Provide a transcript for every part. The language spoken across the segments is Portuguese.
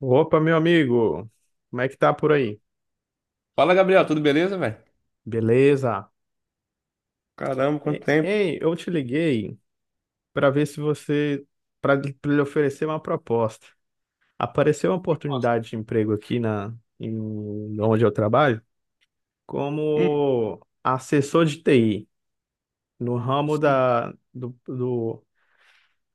Opa, meu amigo, como é que tá por aí? Fala, Gabriel, tudo beleza, velho? Beleza? Caramba, quanto tempo. Ei, eu te liguei para ver se você, para lhe oferecer uma proposta. Apareceu uma Resposta. oportunidade de emprego aqui na, em, onde eu trabalho, Hum, como assessor de TI, no ramo sim. da, do, do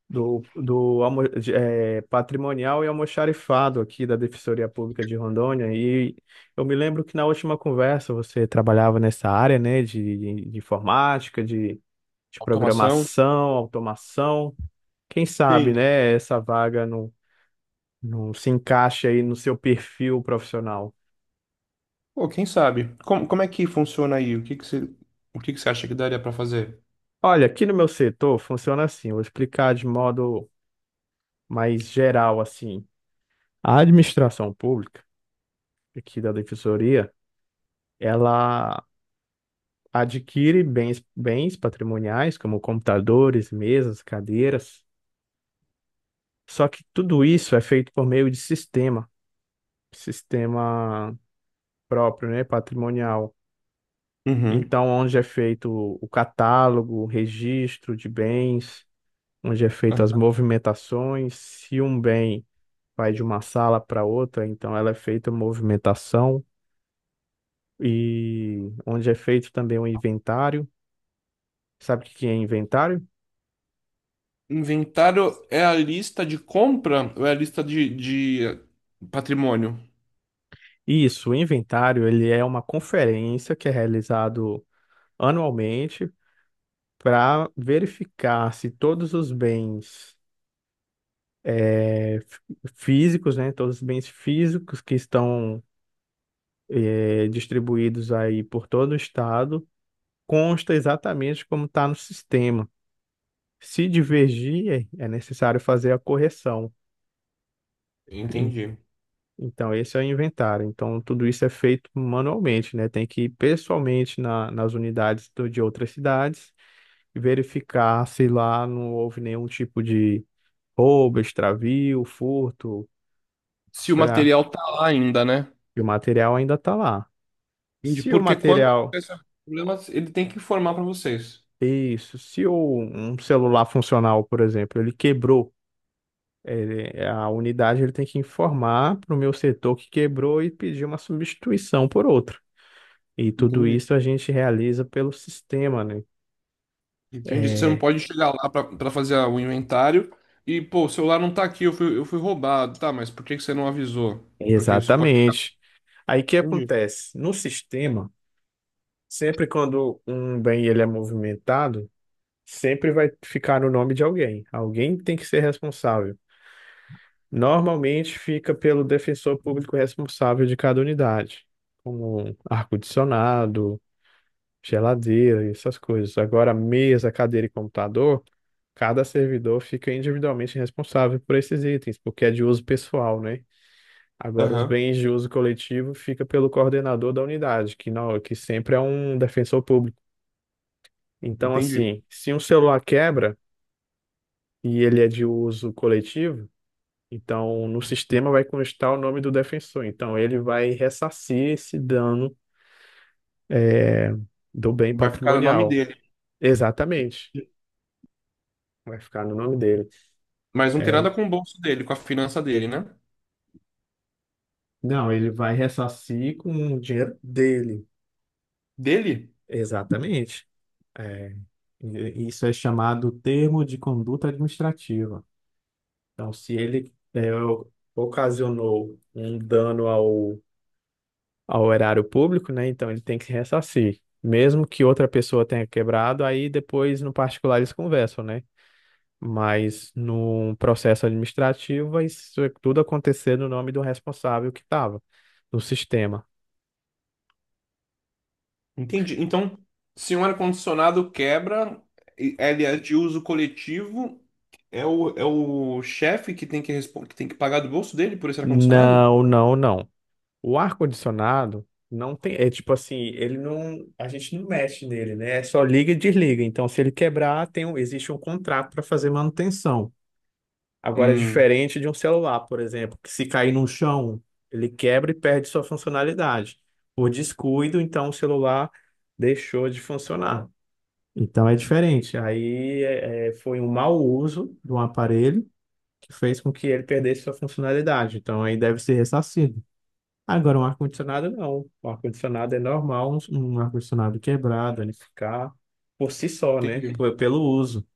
do, do patrimonial e almoxarifado aqui da Defensoria Pública de Rondônia. E eu me lembro que na última conversa você trabalhava nessa área, né, de informática, de Automação? programação, automação. Quem sabe, Sim. né, essa vaga não, não se encaixa aí no seu perfil profissional. Pô, quem sabe? Como é que funciona aí? O que que você acha que daria pra fazer? Olha, aqui no meu setor funciona assim, eu vou explicar de modo mais geral assim. A administração pública aqui da Defensoria, ela adquire bens, bens patrimoniais, como computadores, mesas, cadeiras. Só que tudo isso é feito por meio de sistema, sistema próprio, né, patrimonial. Uhum. Então, onde é feito o catálogo, o registro de bens, onde é feito as Aham. movimentações, se um bem vai de uma sala para outra, então ela é feita a movimentação e onde é feito também o inventário. Sabe o que que é inventário? Inventário é a lista de compra ou é a lista de patrimônio? Isso, o inventário, ele é uma conferência que é realizado anualmente para verificar se todos os bens físicos, né, todos os bens físicos que estão distribuídos aí por todo o estado, consta exatamente como está no sistema. Se divergir, é necessário fazer a correção. Entendi. Então, esse é o inventário. Então, tudo isso é feito manualmente, né? Tem que ir pessoalmente nas unidades de outras cidades e verificar se lá não houve nenhum tipo de roubo, extravio, furto, Se o pra... material tá lá ainda, né? e o material ainda está lá. Entendi. Se o Porque quando material, acontece o problema, ele tem que informar pra vocês. isso, se o, um celular funcional, por exemplo, ele quebrou, a unidade ele tem que informar para o meu setor que quebrou e pedir uma substituição por outro. E tudo Entendi. isso a gente realiza pelo sistema, né? Entendi. Você não É, pode chegar lá para fazer o inventário e, pô, o celular não tá aqui, eu fui roubado. Tá, mas por que que você não avisou? Porque isso pode ficar. exatamente. Aí o que Entendi. acontece? No sistema, sempre quando um bem ele é movimentado, sempre vai ficar no nome de alguém. Alguém tem que ser responsável. Normalmente fica pelo defensor público responsável de cada unidade, como ar-condicionado, geladeira, e essas coisas. Agora, mesa, cadeira e computador, cada servidor fica individualmente responsável por esses itens, porque é de uso pessoal, né? Agora, os Aham, bens de uso coletivo fica pelo coordenador da unidade, que não, que sempre é um defensor público. Então, entendi. assim, se um celular quebra e ele é de uso coletivo, então no sistema vai constar o nome do defensor. Então, ele vai ressarcir esse dano do bem Vai ficar no nome patrimonial. dele. Exatamente. Vai ficar no nome dele. Mas não tem É, nada com o bolso dele, com a finança dele, né? não, ele vai ressarcir com o dinheiro dele. Dele? Exatamente. É, isso é chamado termo de conduta administrativa. Então, se ele é, o- ocasionou um dano ao, ao erário público, né? Então ele tem que ressarcir. Mesmo que outra pessoa tenha quebrado, aí depois no particular eles conversam, né? Mas num processo administrativo, vai isso é tudo acontecer no nome do responsável que estava no sistema. Entendi. Então, se um ar-condicionado quebra, ele é de uso coletivo, é o chefe que tem que, que tem que pagar do bolso dele por esse ar-condicionado? Não, não, não. O ar-condicionado não tem. É tipo assim, ele não. A gente não mexe nele, né? É só liga e desliga. Então, se ele quebrar, tem, existe um contrato para fazer manutenção. Agora, é Hum, diferente de um celular, por exemplo, que se cair no chão, ele quebra e perde sua funcionalidade. Por descuido, então o celular deixou de funcionar. Então é diferente. Aí foi um mau uso de um aparelho que fez com que ele perdesse sua funcionalidade. Então aí deve ser ressarcido. Agora, um ar-condicionado não. O ar-condicionado é normal, um ar-condicionado quebrado, ele ficar por si só, né? entendi. Pelo uso.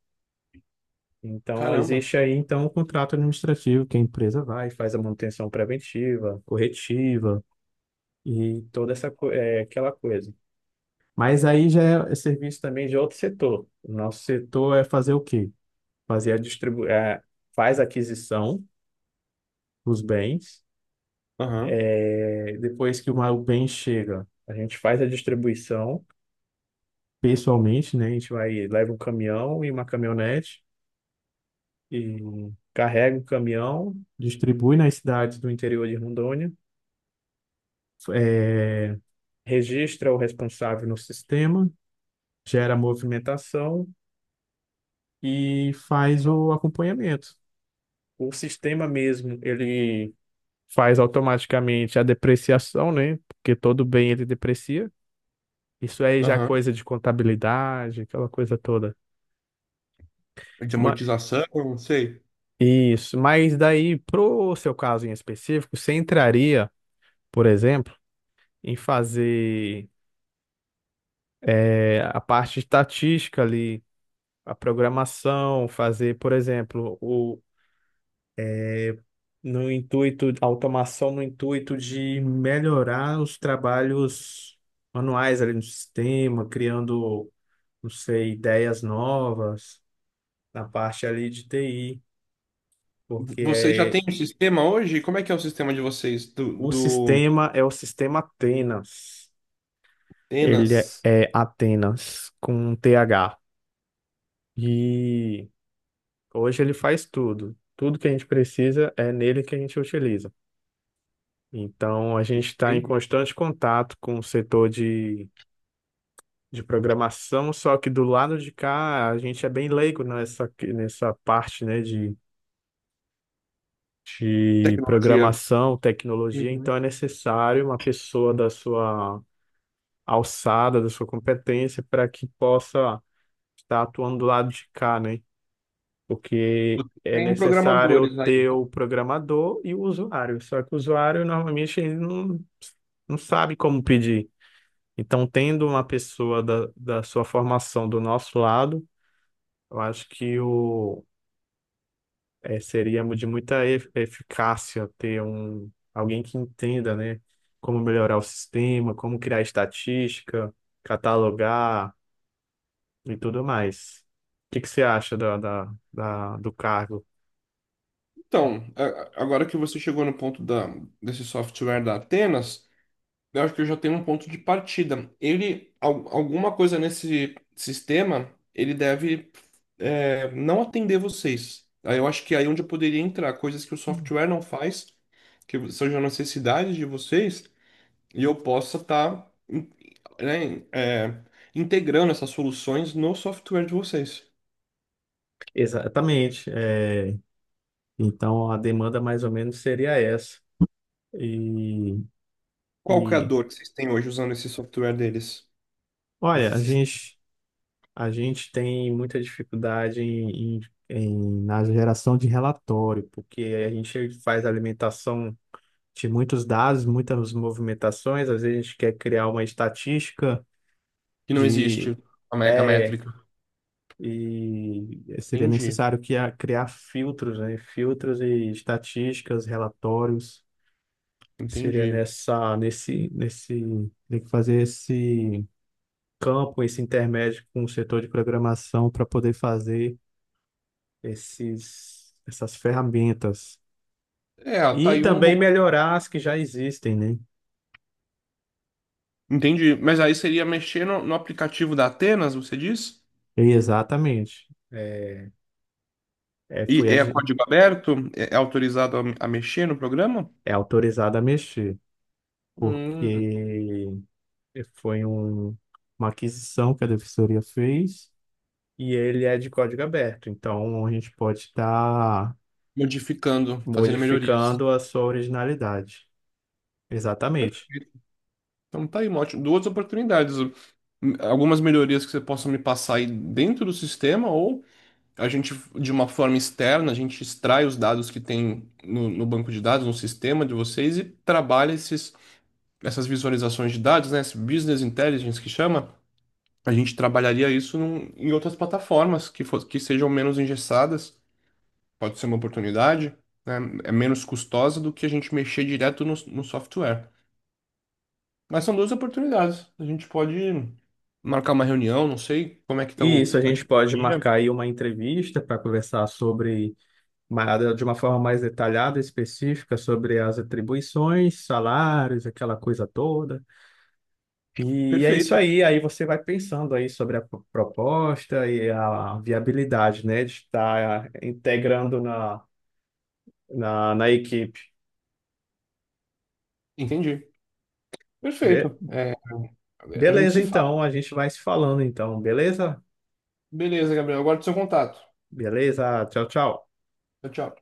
Então, Caramba. existe aí, então, o contrato administrativo que a empresa vai, faz a manutenção preventiva, corretiva e toda essa, aquela coisa. Mas aí já é serviço também de outro setor. O nosso setor é fazer o quê? Fazer a distribu é, faz a aquisição dos bens. Aham, É, depois que o bem chega, a gente faz a distribuição pessoalmente, né? A gente vai, leva um caminhão e uma caminhonete e carrega o caminhão, distribui nas cidades do interior de Rondônia, é, registra o responsável no sistema, gera movimentação e faz o acompanhamento. O sistema mesmo, ele faz automaticamente a depreciação, né? Porque todo bem ele deprecia. Isso aí já é aham. coisa de contabilidade, aquela coisa toda. De Ma- amortização, não sei. Isso, mas daí, pro seu caso em específico, você entraria, por exemplo, em fazer a parte estatística ali, a programação, fazer, por exemplo, o, no intuito, a automação no intuito de melhorar os trabalhos manuais ali no sistema, criando, não sei, ideias novas na parte ali de TI, porque Vocês já é, têm um sistema hoje? Como é que é o sistema de vocês do, o do sistema é o sistema Atenas. Ele é, Tenas? é Atenas com TH. E hoje ele faz tudo. Tudo que a gente precisa é nele que a gente utiliza. Então a gente está em Tem constante contato com o setor de programação, só que do lado de cá a gente é bem leigo nessa, nessa parte, né, de tecnologia. programação, tecnologia, Uhum. então é necessário uma pessoa da sua alçada, da sua competência, para que possa estar atuando do lado de cá, né? Porque é Tem necessário programadores aí, ter né? o programador e o usuário. Só que o usuário normalmente ele não, não sabe como pedir. Então, tendo uma pessoa da sua formação do nosso lado, eu acho que seria de muita eficácia ter um, alguém que entenda, né, como melhorar o sistema, como criar estatística, catalogar e tudo mais. O que que você acha do cargo? Então, a- Agora que você chegou no ponto desse software da Atenas, eu acho que eu já tenho um ponto de partida. Alguma coisa nesse sistema, ele deve não atender vocês. Aí eu acho que aí é onde eu poderia entrar, coisas que o software não faz, que sejam necessidades de vocês, e eu possa estar integrando essas soluções no software de vocês. Exatamente. É, então, a demanda mais ou menos seria essa. E, Qual que é a e dor que vocês têm hoje usando esse software deles? Esse olha, sis- a gente tem muita dificuldade na geração de relatório, porque a gente faz alimentação de muitos dados, muitas movimentações, às vezes a gente quer criar uma estatística que não de existe a é, métrica. e seria Entendi, necessário criar filtros, né? Filtros e estatísticas, relatórios. Seria entendi. nessa, nesse, nesse, tem que fazer esse campo, esse intermédio com o setor de programação para poder fazer essas ferramentas. É, tá E aí um também bom... melhorar as que já existem, né? Entendi. Mas aí seria mexer no aplicativo da Atenas, você diz? Exatamente. É, E foi, é adi- código aberto? É autorizado a mexer no programa? É autorizado a mexer, Hum, porque foi um, uma aquisição que a defensoria fez e ele é de código aberto. Então, a gente pode estar modificando, fazendo melhorias. modificando a sua originalidade. Exatamente. Então tá aí, duas oportunidades. Algumas melhorias que você possa me passar aí dentro do sistema, ou a gente, de uma forma externa, a gente extrai os dados que tem no banco de dados, no sistema de vocês, e trabalha essas visualizações de dados, né? Esse business intelligence que chama. A gente trabalharia isso em outras plataformas que sejam menos engessadas, pode ser uma oportunidade, né? É menos custosa do que a gente mexer direto no software. Mas são duas oportunidades. A gente pode marcar uma reunião, não sei como é que está E o, isso a a gente pode marcar diretoria. aí uma entrevista para conversar sobre de uma forma mais detalhada, específica, sobre as atribuições, salários, aquela coisa toda. E é isso Perfeito, aí, aí você vai pensando aí sobre a proposta e a viabilidade, né, de estar integrando na equipe. entendi. Be- Perfeito. É, a gente Beleza, se fala. então, a gente vai se falando, então, beleza? Beleza, Gabriel. Agora seu contato. Beleza, tchau, tchau. Tchau, tchau.